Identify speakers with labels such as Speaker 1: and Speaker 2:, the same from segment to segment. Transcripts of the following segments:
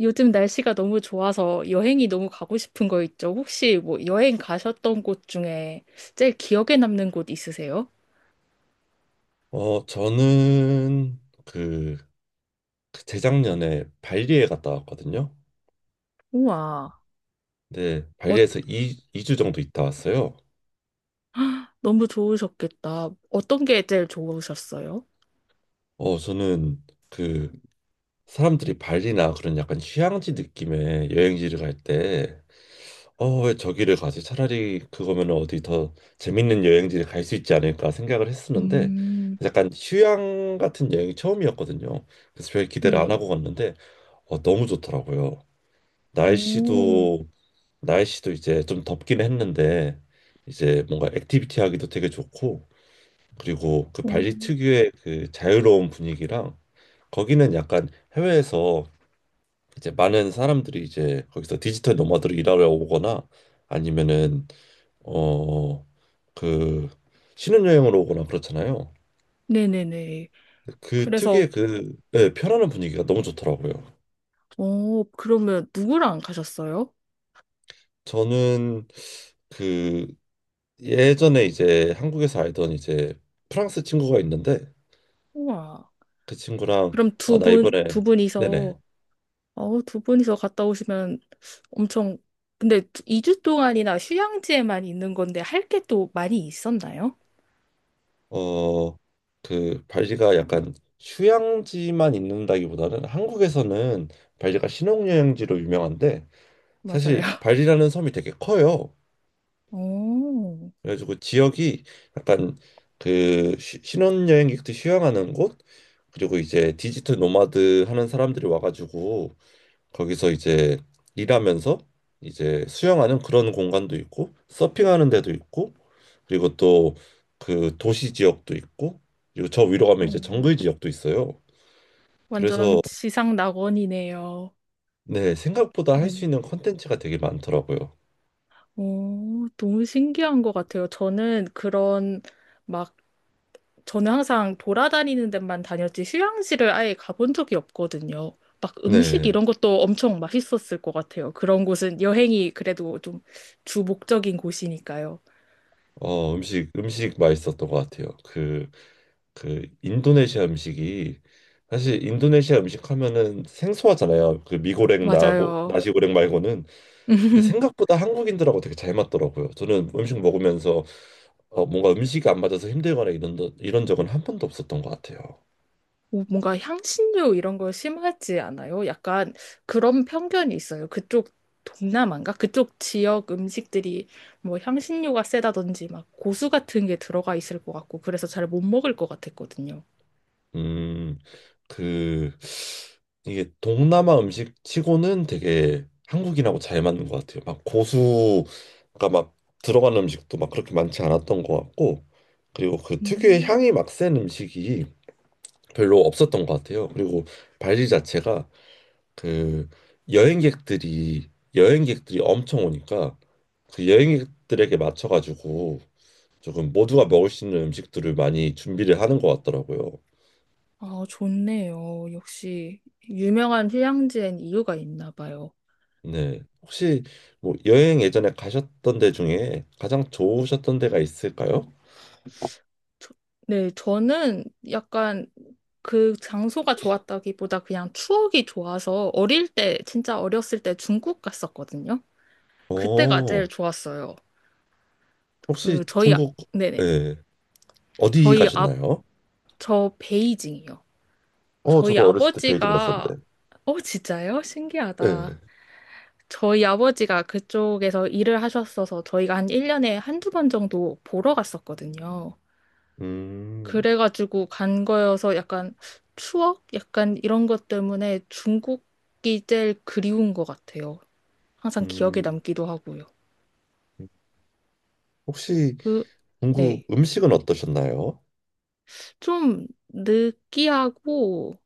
Speaker 1: 요즘 날씨가 너무 좋아서 여행이 너무 가고 싶은 거 있죠? 혹시 뭐 여행 가셨던 곳 중에 제일 기억에 남는 곳 있으세요?
Speaker 2: 저는 그 재작년에 발리에 갔다 왔거든요.
Speaker 1: 우와,
Speaker 2: 근데
Speaker 1: 어,
Speaker 2: 발리에서 이이주 정도 있다 왔어요.
Speaker 1: 너무 좋으셨겠다. 어떤 게 제일 좋으셨어요?
Speaker 2: 저는 그 사람들이 발리나 그런 약간 휴양지 느낌의 여행지를 갈 때, 왜 저기를 가지? 차라리 그거면 어디 더 재밌는 여행지를 갈 수 있지 않을까 생각을 했었는데,
Speaker 1: 음.
Speaker 2: 약간 휴양 같은 여행이 처음이었거든요. 그래서 별 기대를 안
Speaker 1: 네.
Speaker 2: 하고 갔는데, 너무 좋더라고요.
Speaker 1: 오.
Speaker 2: 날씨도 날씨도 이제 좀 덥긴 했는데 이제 뭔가 액티비티 하기도 되게 좋고 그리고 그
Speaker 1: 오.
Speaker 2: 발리 특유의 그 자유로운 분위기랑 거기는 약간 해외에서 이제 많은 사람들이 이제 거기서 디지털 노마드로 일하러 오거나 아니면은 어 그 신혼여행으로 오거나 그렇잖아요.
Speaker 1: 네네네.
Speaker 2: 그
Speaker 1: 그래서,
Speaker 2: 특유의 그 네, 편안한 분위기가 너무 좋더라고요.
Speaker 1: 그러면 누구랑 가셨어요?
Speaker 2: 저는 그 예전에 이제 한국에서 알던 이제 프랑스 친구가 있는데
Speaker 1: 우와.
Speaker 2: 그 친구랑
Speaker 1: 그럼
Speaker 2: 아
Speaker 1: 두
Speaker 2: 나
Speaker 1: 분, 두
Speaker 2: 이번에 네네
Speaker 1: 분이서, 어, 두 분이서 갔다 오시면 엄청, 근데 2주 동안이나 휴양지에만 있는 건데 할 게 또 많이 있었나요?
Speaker 2: 어 그 발리가 약간 휴양지만 있는다기보다는 한국에서는 발리가 신혼여행지로 유명한데
Speaker 1: 맞아요.
Speaker 2: 사실 발리라는 섬이 되게 커요.
Speaker 1: 오,
Speaker 2: 그래가지고 지역이 약간 그 신혼여행객들 휴양하는 곳 그리고 이제 디지털 노마드 하는 사람들이 와가지고 거기서 이제 일하면서 이제 수영하는 그런 공간도 있고 서핑하는 데도 있고 그리고 또 그 도시 지역도 있고 그리고 저 위로 가면
Speaker 1: 오,
Speaker 2: 이제 정글 지역도 있어요.
Speaker 1: 완전
Speaker 2: 그래서
Speaker 1: 지상 낙원이네요.
Speaker 2: 네, 생각보다 할 수
Speaker 1: 네네.
Speaker 2: 있는 컨텐츠가 되게 많더라고요.
Speaker 1: 오, 너무 신기한 것 같아요. 막, 저는 항상 돌아다니는 데만 다녔지 휴양지를 아예 가본 적이 없거든요. 막 음식
Speaker 2: 네.
Speaker 1: 이런 것도 엄청 맛있었을 것 같아요. 그런 곳은 여행이 그래도 좀 주 목적인 곳이니까요.
Speaker 2: 음식 맛있었던 것 같아요. 그 인도네시아 음식이 사실 인도네시아 음식 하면은 생소하잖아요. 그 미고랭 나고
Speaker 1: 맞아요.
Speaker 2: 나시고랭 말고는 근데 생각보다 한국인들하고 되게 잘 맞더라고요. 저는 음식 먹으면서 뭔가 음식이 안 맞아서 힘들거나 이런 적은 한 번도 없었던 것 같아요.
Speaker 1: 오, 뭔가 향신료 이런 거 심하지 않아요? 약간 그런 편견이 있어요. 그쪽 동남아인가? 그쪽 지역 음식들이 뭐 향신료가 세다든지 막 고수 같은 게 들어가 있을 것 같고 그래서 잘 못 먹을 것 같았거든요.
Speaker 2: 음, 그 이게 동남아 음식 치고는 되게 한국인하고 잘 맞는 것 같아요. 막 고수가 막 들어가는 음식도 막 그렇게 많지 않았던 것 같고, 그리고 그 특유의
Speaker 1: 음.
Speaker 2: 향이 막 센 음식이 별로 없었던 것 같아요. 그리고 발리 자체가 그 여행객들이 여행객들이 엄청 오니까 그 여행객들에게 맞춰가지고 조금 모두가 먹을 수 있는 음식들을 많이 준비를 하는 것 같더라고요.
Speaker 1: 아, 좋네요. 역시 유명한 휴양지엔 이유가 있나 봐요.
Speaker 2: 네. 혹시 뭐 여행 예전에 가셨던 데 중에 가장 좋으셨던 데가 있을까요?
Speaker 1: 저- 네, 저는 약간 그 장소가 좋았다기보다 그냥 추억이 좋아서 어릴 때, 진짜 어렸을 때 중국 갔었거든요. 그때가
Speaker 2: 어,
Speaker 1: 제일 좋았어요. 그
Speaker 2: 혹시
Speaker 1: 저희 아-
Speaker 2: 중국,
Speaker 1: 네네.
Speaker 2: 예, 어디
Speaker 1: 저희
Speaker 2: 가셨나요?
Speaker 1: 앞저 베이징이요. 저희
Speaker 2: 저도 어렸을 때 베이징
Speaker 1: 아버지가
Speaker 2: 갔었는데.
Speaker 1: 어, 진짜요? 신기하다.
Speaker 2: 예.
Speaker 1: 저희 아버지가 그쪽에서 일을 하셨어서 저희가 한 1년에 한 두 번 정도 보러 갔었거든요.
Speaker 2: 음,
Speaker 1: 그래가지고 간 거여서 약간 추억? 약간 이런 것 때문에 중국이 제일 그리운 것 같아요. 항상 기억에
Speaker 2: 음,
Speaker 1: 남기도 하고요.
Speaker 2: 혹시
Speaker 1: 그,
Speaker 2: 중국
Speaker 1: 네.
Speaker 2: 음식은 어떠셨나요?
Speaker 1: 좀 느끼하고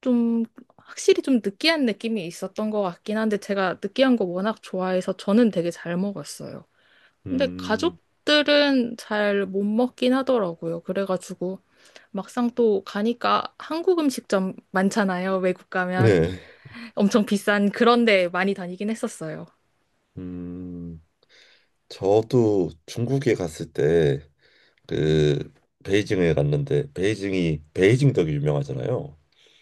Speaker 1: 좀 확실히 좀 느끼한 느낌이 있었던 것 같긴 한데 제가 느끼한 거 워낙 좋아해서 저는 되게 잘 먹었어요. 근데
Speaker 2: 음.
Speaker 1: 가족들은 잘 못 먹긴 하더라고요. 그래가지고 막상 또 가니까 한국 음식점 많잖아요. 외국 가면
Speaker 2: 네.
Speaker 1: 엄청 비싼 그런 데 많이 다니긴 했었어요.
Speaker 2: 음, 저도 중국에 갔을 때 그 베이징에 갔는데 베이징이 베이징 덕이 유명하잖아요.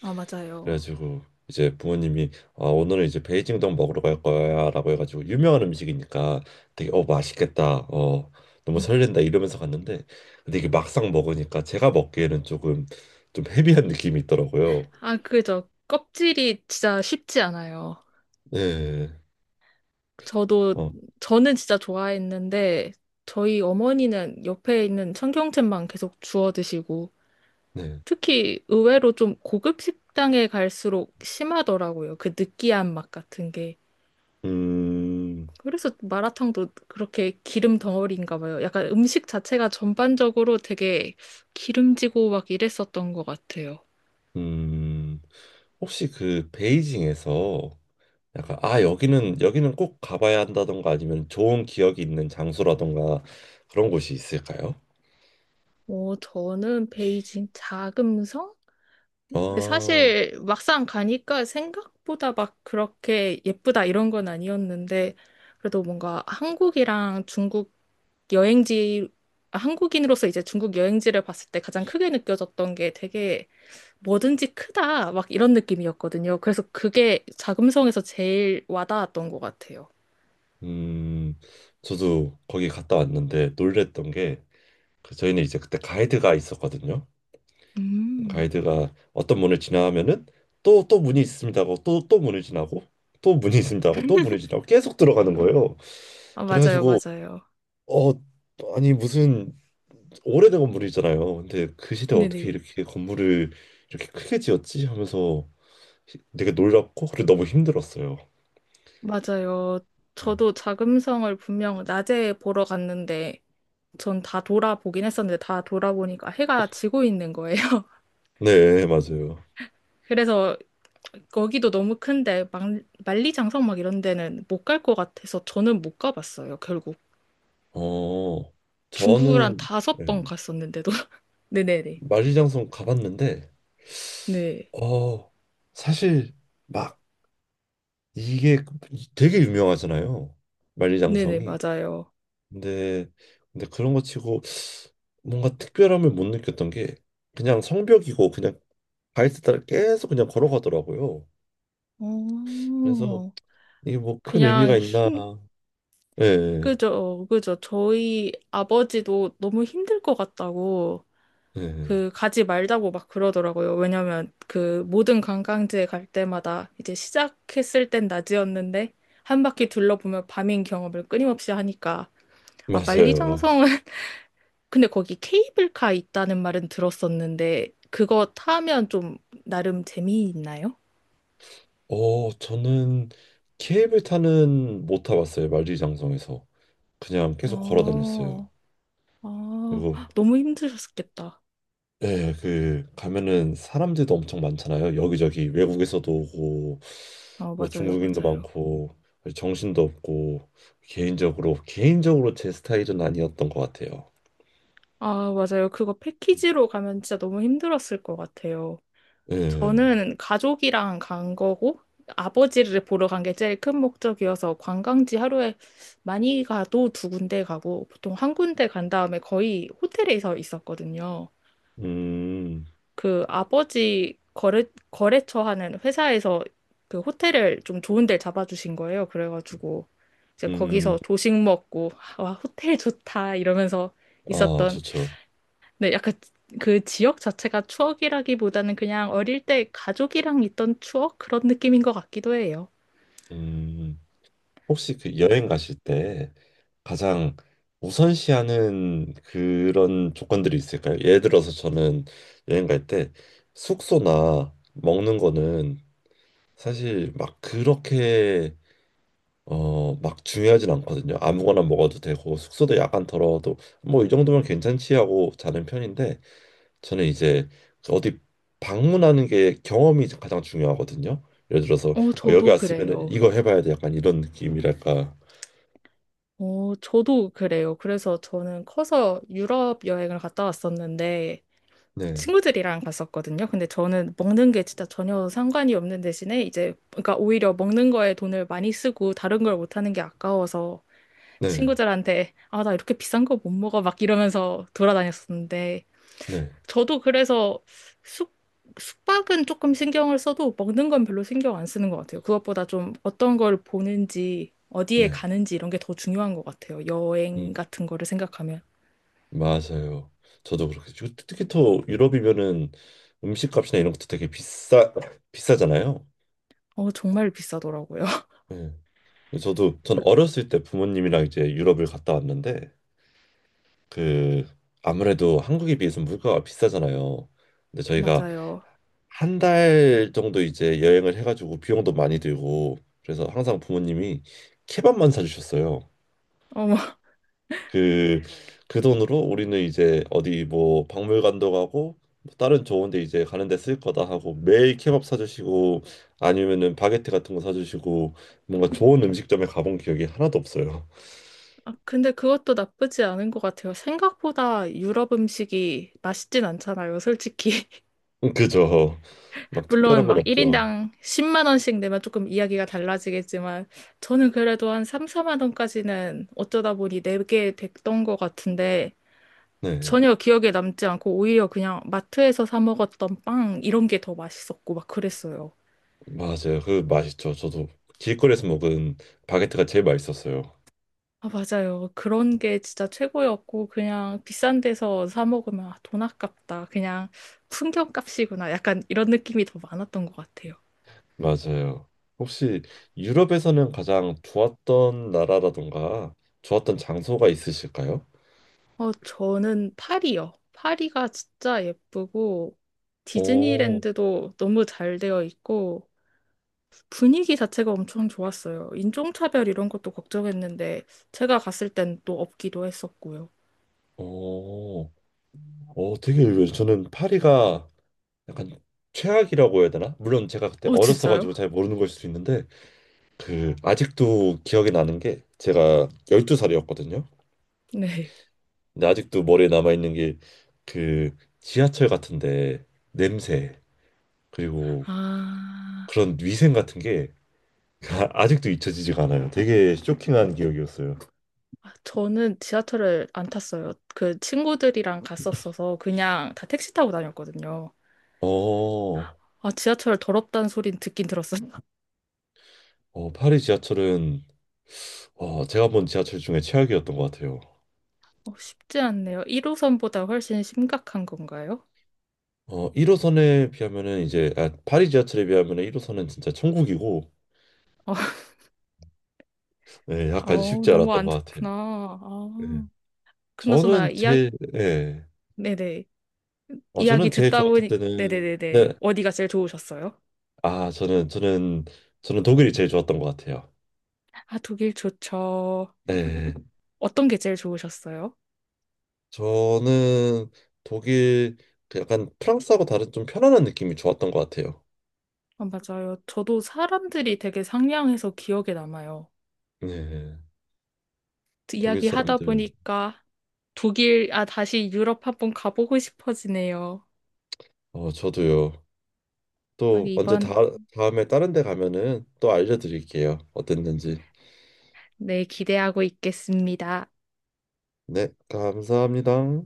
Speaker 1: 아, 맞아요.
Speaker 2: 그래가지고 이제 부모님이 아, 오늘은 이제 베이징 덕 먹으러 갈 거야라고 해가지고 유명한 음식이니까 되게 맛있겠다. 너무
Speaker 1: 음.
Speaker 2: 설렌다 이러면서 갔는데 근데 이게 막상 먹으니까 제가 먹기에는 조금 좀 헤비한 느낌이 있더라고요.
Speaker 1: 아, 그죠. 껍질이 진짜 쉽지 않아요.
Speaker 2: 네.
Speaker 1: 저도,
Speaker 2: 어,
Speaker 1: 저는 진짜 좋아했는데, 저희 어머니는 옆에 있는 청경채만 계속 주워 드시고,
Speaker 2: 네.
Speaker 1: 특히 의외로 좀 고급 식당에 갈수록 심하더라고요. 그 느끼한 맛 같은 게.
Speaker 2: 음,
Speaker 1: 그래서 마라탕도 그렇게 기름 덩어리인가 봐요. 약간 음식 자체가 전반적으로 되게 기름지고 막 이랬었던 것 같아요.
Speaker 2: 음, 혹시 그 베이징에서 약간 아 여기는 꼭 가봐야 한다던가 아니면 좋은 기억이 있는 장소라던가 그런 곳이 있을까요?
Speaker 1: 어, 저는 베이징 자금성? 근데
Speaker 2: 아,
Speaker 1: 사실 막상 가니까 생각보다 막 그렇게 예쁘다 이런 건 아니었는데 그래도 뭔가 한국이랑 중국 여행지, 아, 한국인으로서 이제 중국 여행지를 봤을 때 가장 크게 느껴졌던 게 되게 뭐든지 크다 막 이런 느낌이었거든요. 그래서 그게 자금성에서 제일 와닿았던 것 같아요.
Speaker 2: 음, 저도 거기 갔다 왔는데 놀랬던 게그 저희는 이제 그때 가이드가 있었거든요.
Speaker 1: 음.
Speaker 2: 가이드가 어떤 문을 지나면은 또 또 문이 있습니다 하고 또 또 문을 지나고 또 문이 있습니다 하고 또 문을 지나고 계속 들어가는 거예요.
Speaker 1: 아, 맞아요,
Speaker 2: 그래가지고
Speaker 1: 맞아요.
Speaker 2: 어 아니 무슨 오래된 건물이잖아요. 근데 그 시대 어떻게
Speaker 1: 네네.
Speaker 2: 이렇게 건물을 이렇게 크게 지었지 하면서 되게 놀랍고 그리고 너무 힘들었어요.
Speaker 1: 맞아요. 저도 자금성을 분명 낮에 보러 갔는데 전 다 돌아보긴 했었는데 다 돌아보니까 해가 지고 있는 거예요.
Speaker 2: 네, 네, 맞아요.
Speaker 1: 그래서 거기도 너무 큰데 만리장성 막 이런 데는 못 갈 것 같아서 저는 못 가봤어요, 결국.
Speaker 2: 어,
Speaker 1: 중국을 한
Speaker 2: 저는
Speaker 1: 다섯
Speaker 2: 네,
Speaker 1: 번 갔었는데도. 네네네.
Speaker 2: 만리장성 가봤는데
Speaker 1: 네.
Speaker 2: 어, 사실 막 이게 되게 유명하잖아요.
Speaker 1: 네네,
Speaker 2: 만리장성이.
Speaker 1: 맞아요.
Speaker 2: 근데 근데 그런 거 치고 뭔가 특별함을 못 느꼈던 게 그냥 성벽이고 그냥 바이스 따라 계속 그냥 걸어가더라고요. 그래서
Speaker 1: 어,
Speaker 2: 이게 뭐 큰
Speaker 1: 그냥
Speaker 2: 의미가 있나?
Speaker 1: 힘,
Speaker 2: 예,
Speaker 1: 그죠, 그죠. 저희 아버지도 너무 힘들 것 같다고
Speaker 2: 예, 예.
Speaker 1: 그 가지 말자고 막 그러더라고요. 왜냐면 그 모든 관광지에 갈 때마다 이제 시작했을 땐 낮이었는데 한 바퀴 둘러보면 밤인 경험을 끊임없이 하니까. 아,
Speaker 2: 맞아요.
Speaker 1: 만리장성은. 근데 거기 케이블카 있다는 말은 들었었는데 그거 타면 좀 나름 재미있나요?
Speaker 2: 저는 케이블 타는 못 타봤어요. 만리장성에서 그냥 계속 걸어
Speaker 1: 아,
Speaker 2: 다녔어요. 그리고
Speaker 1: 아, 너무 힘드셨겠다.
Speaker 2: 예, 그 가면은 사람들도 엄청 많잖아요. 여기저기 외국에서도 오고
Speaker 1: 아,
Speaker 2: 뭐
Speaker 1: 맞아요,
Speaker 2: 중국인도
Speaker 1: 맞아요.
Speaker 2: 많고 정신도 없고 개인적으로 개인적으로 제 스타일은 아니었던 것 같아요.
Speaker 1: 아, 맞아요. 그거 패키지로 가면 진짜 너무 힘들었을 것 같아요.
Speaker 2: 예,
Speaker 1: 저는 가족이랑 간 거고 아버지를 보러 간 게 제일 큰 목적이어서 관광지 하루에 많이 가도 두 군데 가고 보통 한 군데 간 다음에 거의 호텔에서 있었거든요.
Speaker 2: 음,
Speaker 1: 그 아버지 거래처 하는 회사에서 그 호텔을 좀 좋은 데 잡아주신 거예요. 그래가지고 이제 거기서
Speaker 2: 음,
Speaker 1: 조식 먹고 와, 호텔 좋다 이러면서
Speaker 2: 아,
Speaker 1: 있었던.
Speaker 2: 좋죠.
Speaker 1: 네, 약간 그 지역 자체가 추억이라기보다는 그냥 어릴 때 가족이랑 있던 추억 그런 느낌인 것 같기도 해요.
Speaker 2: 음. 혹시 그 여행 가실 때 가장 우선시하는 그런 조건들이 있을까요? 예를 들어서 저는 여행 갈 때 숙소나 먹는 거는 사실 막 그렇게 막 중요하진 않거든요. 아무거나 먹어도 되고 숙소도 약간 더러워도 뭐 이 정도면 괜찮지 하고 자는 편인데 저는 이제 어디 방문하는 게 경험이 가장 중요하거든요. 예를 들어서
Speaker 1: 어,
Speaker 2: 여기
Speaker 1: 저도
Speaker 2: 왔으면은
Speaker 1: 그래요.
Speaker 2: 이거 해봐야 돼 약간 이런 느낌이랄까.
Speaker 1: 어, 저도 그래요. 그래서 저는 커서 유럽 여행을 갔다 왔었는데
Speaker 2: 네.
Speaker 1: 친구들이랑 갔었거든요. 근데 저는 먹는 게 진짜 전혀 상관이 없는 대신에 이제 그러니까 오히려 먹는 거에 돈을 많이 쓰고 다른 걸 못하는 게 아까워서
Speaker 2: 네,
Speaker 1: 친구들한테 아, 나 이렇게 비싼 거 못 먹어 막 이러면서 돌아다녔었는데,
Speaker 2: 네,
Speaker 1: 저도 그래서 숙, 숙박은 조금 신경을 써도 먹는 건 별로 신경 안 쓰는 것 같아요. 그것보다 좀 어떤 걸 보는지, 어디에
Speaker 2: 네.
Speaker 1: 가는지 이런 게 더 중요한 것 같아요.
Speaker 2: 음,
Speaker 1: 여행 같은 거를 생각하면.
Speaker 2: 맞아요. 저도 그렇게 특히 또 유럽이면은 음식값이나 이런 것도 되게 비싸잖아요.
Speaker 1: 어, 정말 비싸더라고요.
Speaker 2: 네. 저도 전 어렸을 때 부모님이랑 이제 유럽을 갔다 왔는데 그 아무래도 한국에 비해서 물가가 비싸잖아요. 근데 저희가
Speaker 1: 맞아요.
Speaker 2: 한 달 정도 이제 여행을 해가지고 비용도 많이 들고 그래서 항상 부모님이 케밥만 사주셨어요.
Speaker 1: 어,
Speaker 2: 그 그 돈으로 우리는 이제 어디 뭐 박물관도 가고 뭐 다른 좋은 데 이제 가는 데 쓸 거다 하고 매일 케밥 사주시고 아니면은 바게트 같은 거 사주시고 뭔가 좋은 음식점에 가본 기억이 하나도 없어요.
Speaker 1: 아, 근데 그것도 나쁘지 않은 것 같아요. 생각보다 유럽 음식이 맛있진 않잖아요, 솔직히.
Speaker 2: 그죠. 막 특별한
Speaker 1: 물론
Speaker 2: 건
Speaker 1: 막
Speaker 2: 없죠.
Speaker 1: 1인당 10만 원씩 내면 조금 이야기가 달라지겠지만 저는 그래도 한 3, 4만 원까지는 어쩌다 보니 내게 됐던 것 같은데
Speaker 2: 네.
Speaker 1: 전혀 기억에 남지 않고 오히려 그냥 마트에서 사 먹었던 빵 이런 게 더 맛있었고 막 그랬어요.
Speaker 2: 맞아요. 그 맛있죠. 저도 길거리에서 먹은 바게트가 제일 맛있었어요.
Speaker 1: 아, 맞아요. 그런 게 진짜 최고였고 그냥 비싼 데서 사 먹으면 아, 돈 아깝다. 그냥 풍경값이구나. 약간 이런 느낌이 더 많았던 것 같아요.
Speaker 2: 맞아요. 혹시 유럽에서는 가장 좋았던 나라라던가 좋았던 장소가 있으실까요?
Speaker 1: 어, 저는 파리요. 파리가 진짜 예쁘고,
Speaker 2: 오,
Speaker 1: 디즈니랜드도 너무 잘 되어 있고, 분위기 자체가 엄청 좋았어요. 인종차별 이런 것도 걱정했는데, 제가 갔을 땐 또 없기도 했었고요.
Speaker 2: 어, 되게 의외예요. 저는 파리가 약간 최악이라고 해야 되나? 물론 제가 그때
Speaker 1: 어, 진짜요?
Speaker 2: 어렸어가지고 잘 모르는 걸 수도 있는데 그 아직도 기억이 나는 게 제가 12살이었거든요.
Speaker 1: 네.
Speaker 2: 근데 아직도 머리에 남아있는 게 그 지하철 같은데 냄새 그리고
Speaker 1: 아,
Speaker 2: 그런 위생 같은 게 아직도 잊혀지지가 않아요. 되게 쇼킹한 기억이었어요.
Speaker 1: 아, 저는 지하철을 안 탔어요. 그 친구들이랑 갔었어서 그냥 다 택시 타고 다녔거든요.
Speaker 2: 어,
Speaker 1: 아, 지하철 더럽다는 소린 듣긴 들었어요.
Speaker 2: 파리 지하철은 제가 본 지하철 중에 최악이었던 것 같아요.
Speaker 1: 어, 쉽지 않네요. 1호선보다 훨씬 심각한 건가요?
Speaker 2: 1호선에 비하면은 이제 아, 파리 지하철에 비하면은 1호선은 진짜 천국이고
Speaker 1: 어,
Speaker 2: 예, 약간
Speaker 1: 어,
Speaker 2: 쉽지
Speaker 1: 너무
Speaker 2: 않았던
Speaker 1: 안
Speaker 2: 것 같아요.
Speaker 1: 좋구나.
Speaker 2: 예.
Speaker 1: 아, 그나저나,
Speaker 2: 저는
Speaker 1: 이야,
Speaker 2: 제 예.
Speaker 1: 네네. 이야기
Speaker 2: 저는 제일
Speaker 1: 듣다
Speaker 2: 좋았을
Speaker 1: 보니,
Speaker 2: 때는 네.
Speaker 1: 네네네네, 어디가 제일 좋으셨어요?
Speaker 2: 아, 저는 독일이 제일 좋았던 것 같아요.
Speaker 1: 아, 독일 좋죠.
Speaker 2: 네.
Speaker 1: 어떤 게 제일 좋으셨어요?
Speaker 2: 저는 독일 그 약간 프랑스하고 다른 좀 편안한 느낌이 좋았던 것 같아요.
Speaker 1: 아, 맞아요. 저도 사람들이 되게 상냥해서 기억에 남아요.
Speaker 2: 네. 독일
Speaker 1: 이야기 하다
Speaker 2: 사람들
Speaker 1: 보니까 독일, 아, 다시 유럽 한번 가보고 싶어지네요.
Speaker 2: 저도요.
Speaker 1: 아,
Speaker 2: 또 언제
Speaker 1: 이번,
Speaker 2: 다 다음에 다른 데 가면은 또 알려드릴게요. 어땠는지.
Speaker 1: 네, 기대하고 있겠습니다.
Speaker 2: 네, 감사합니다.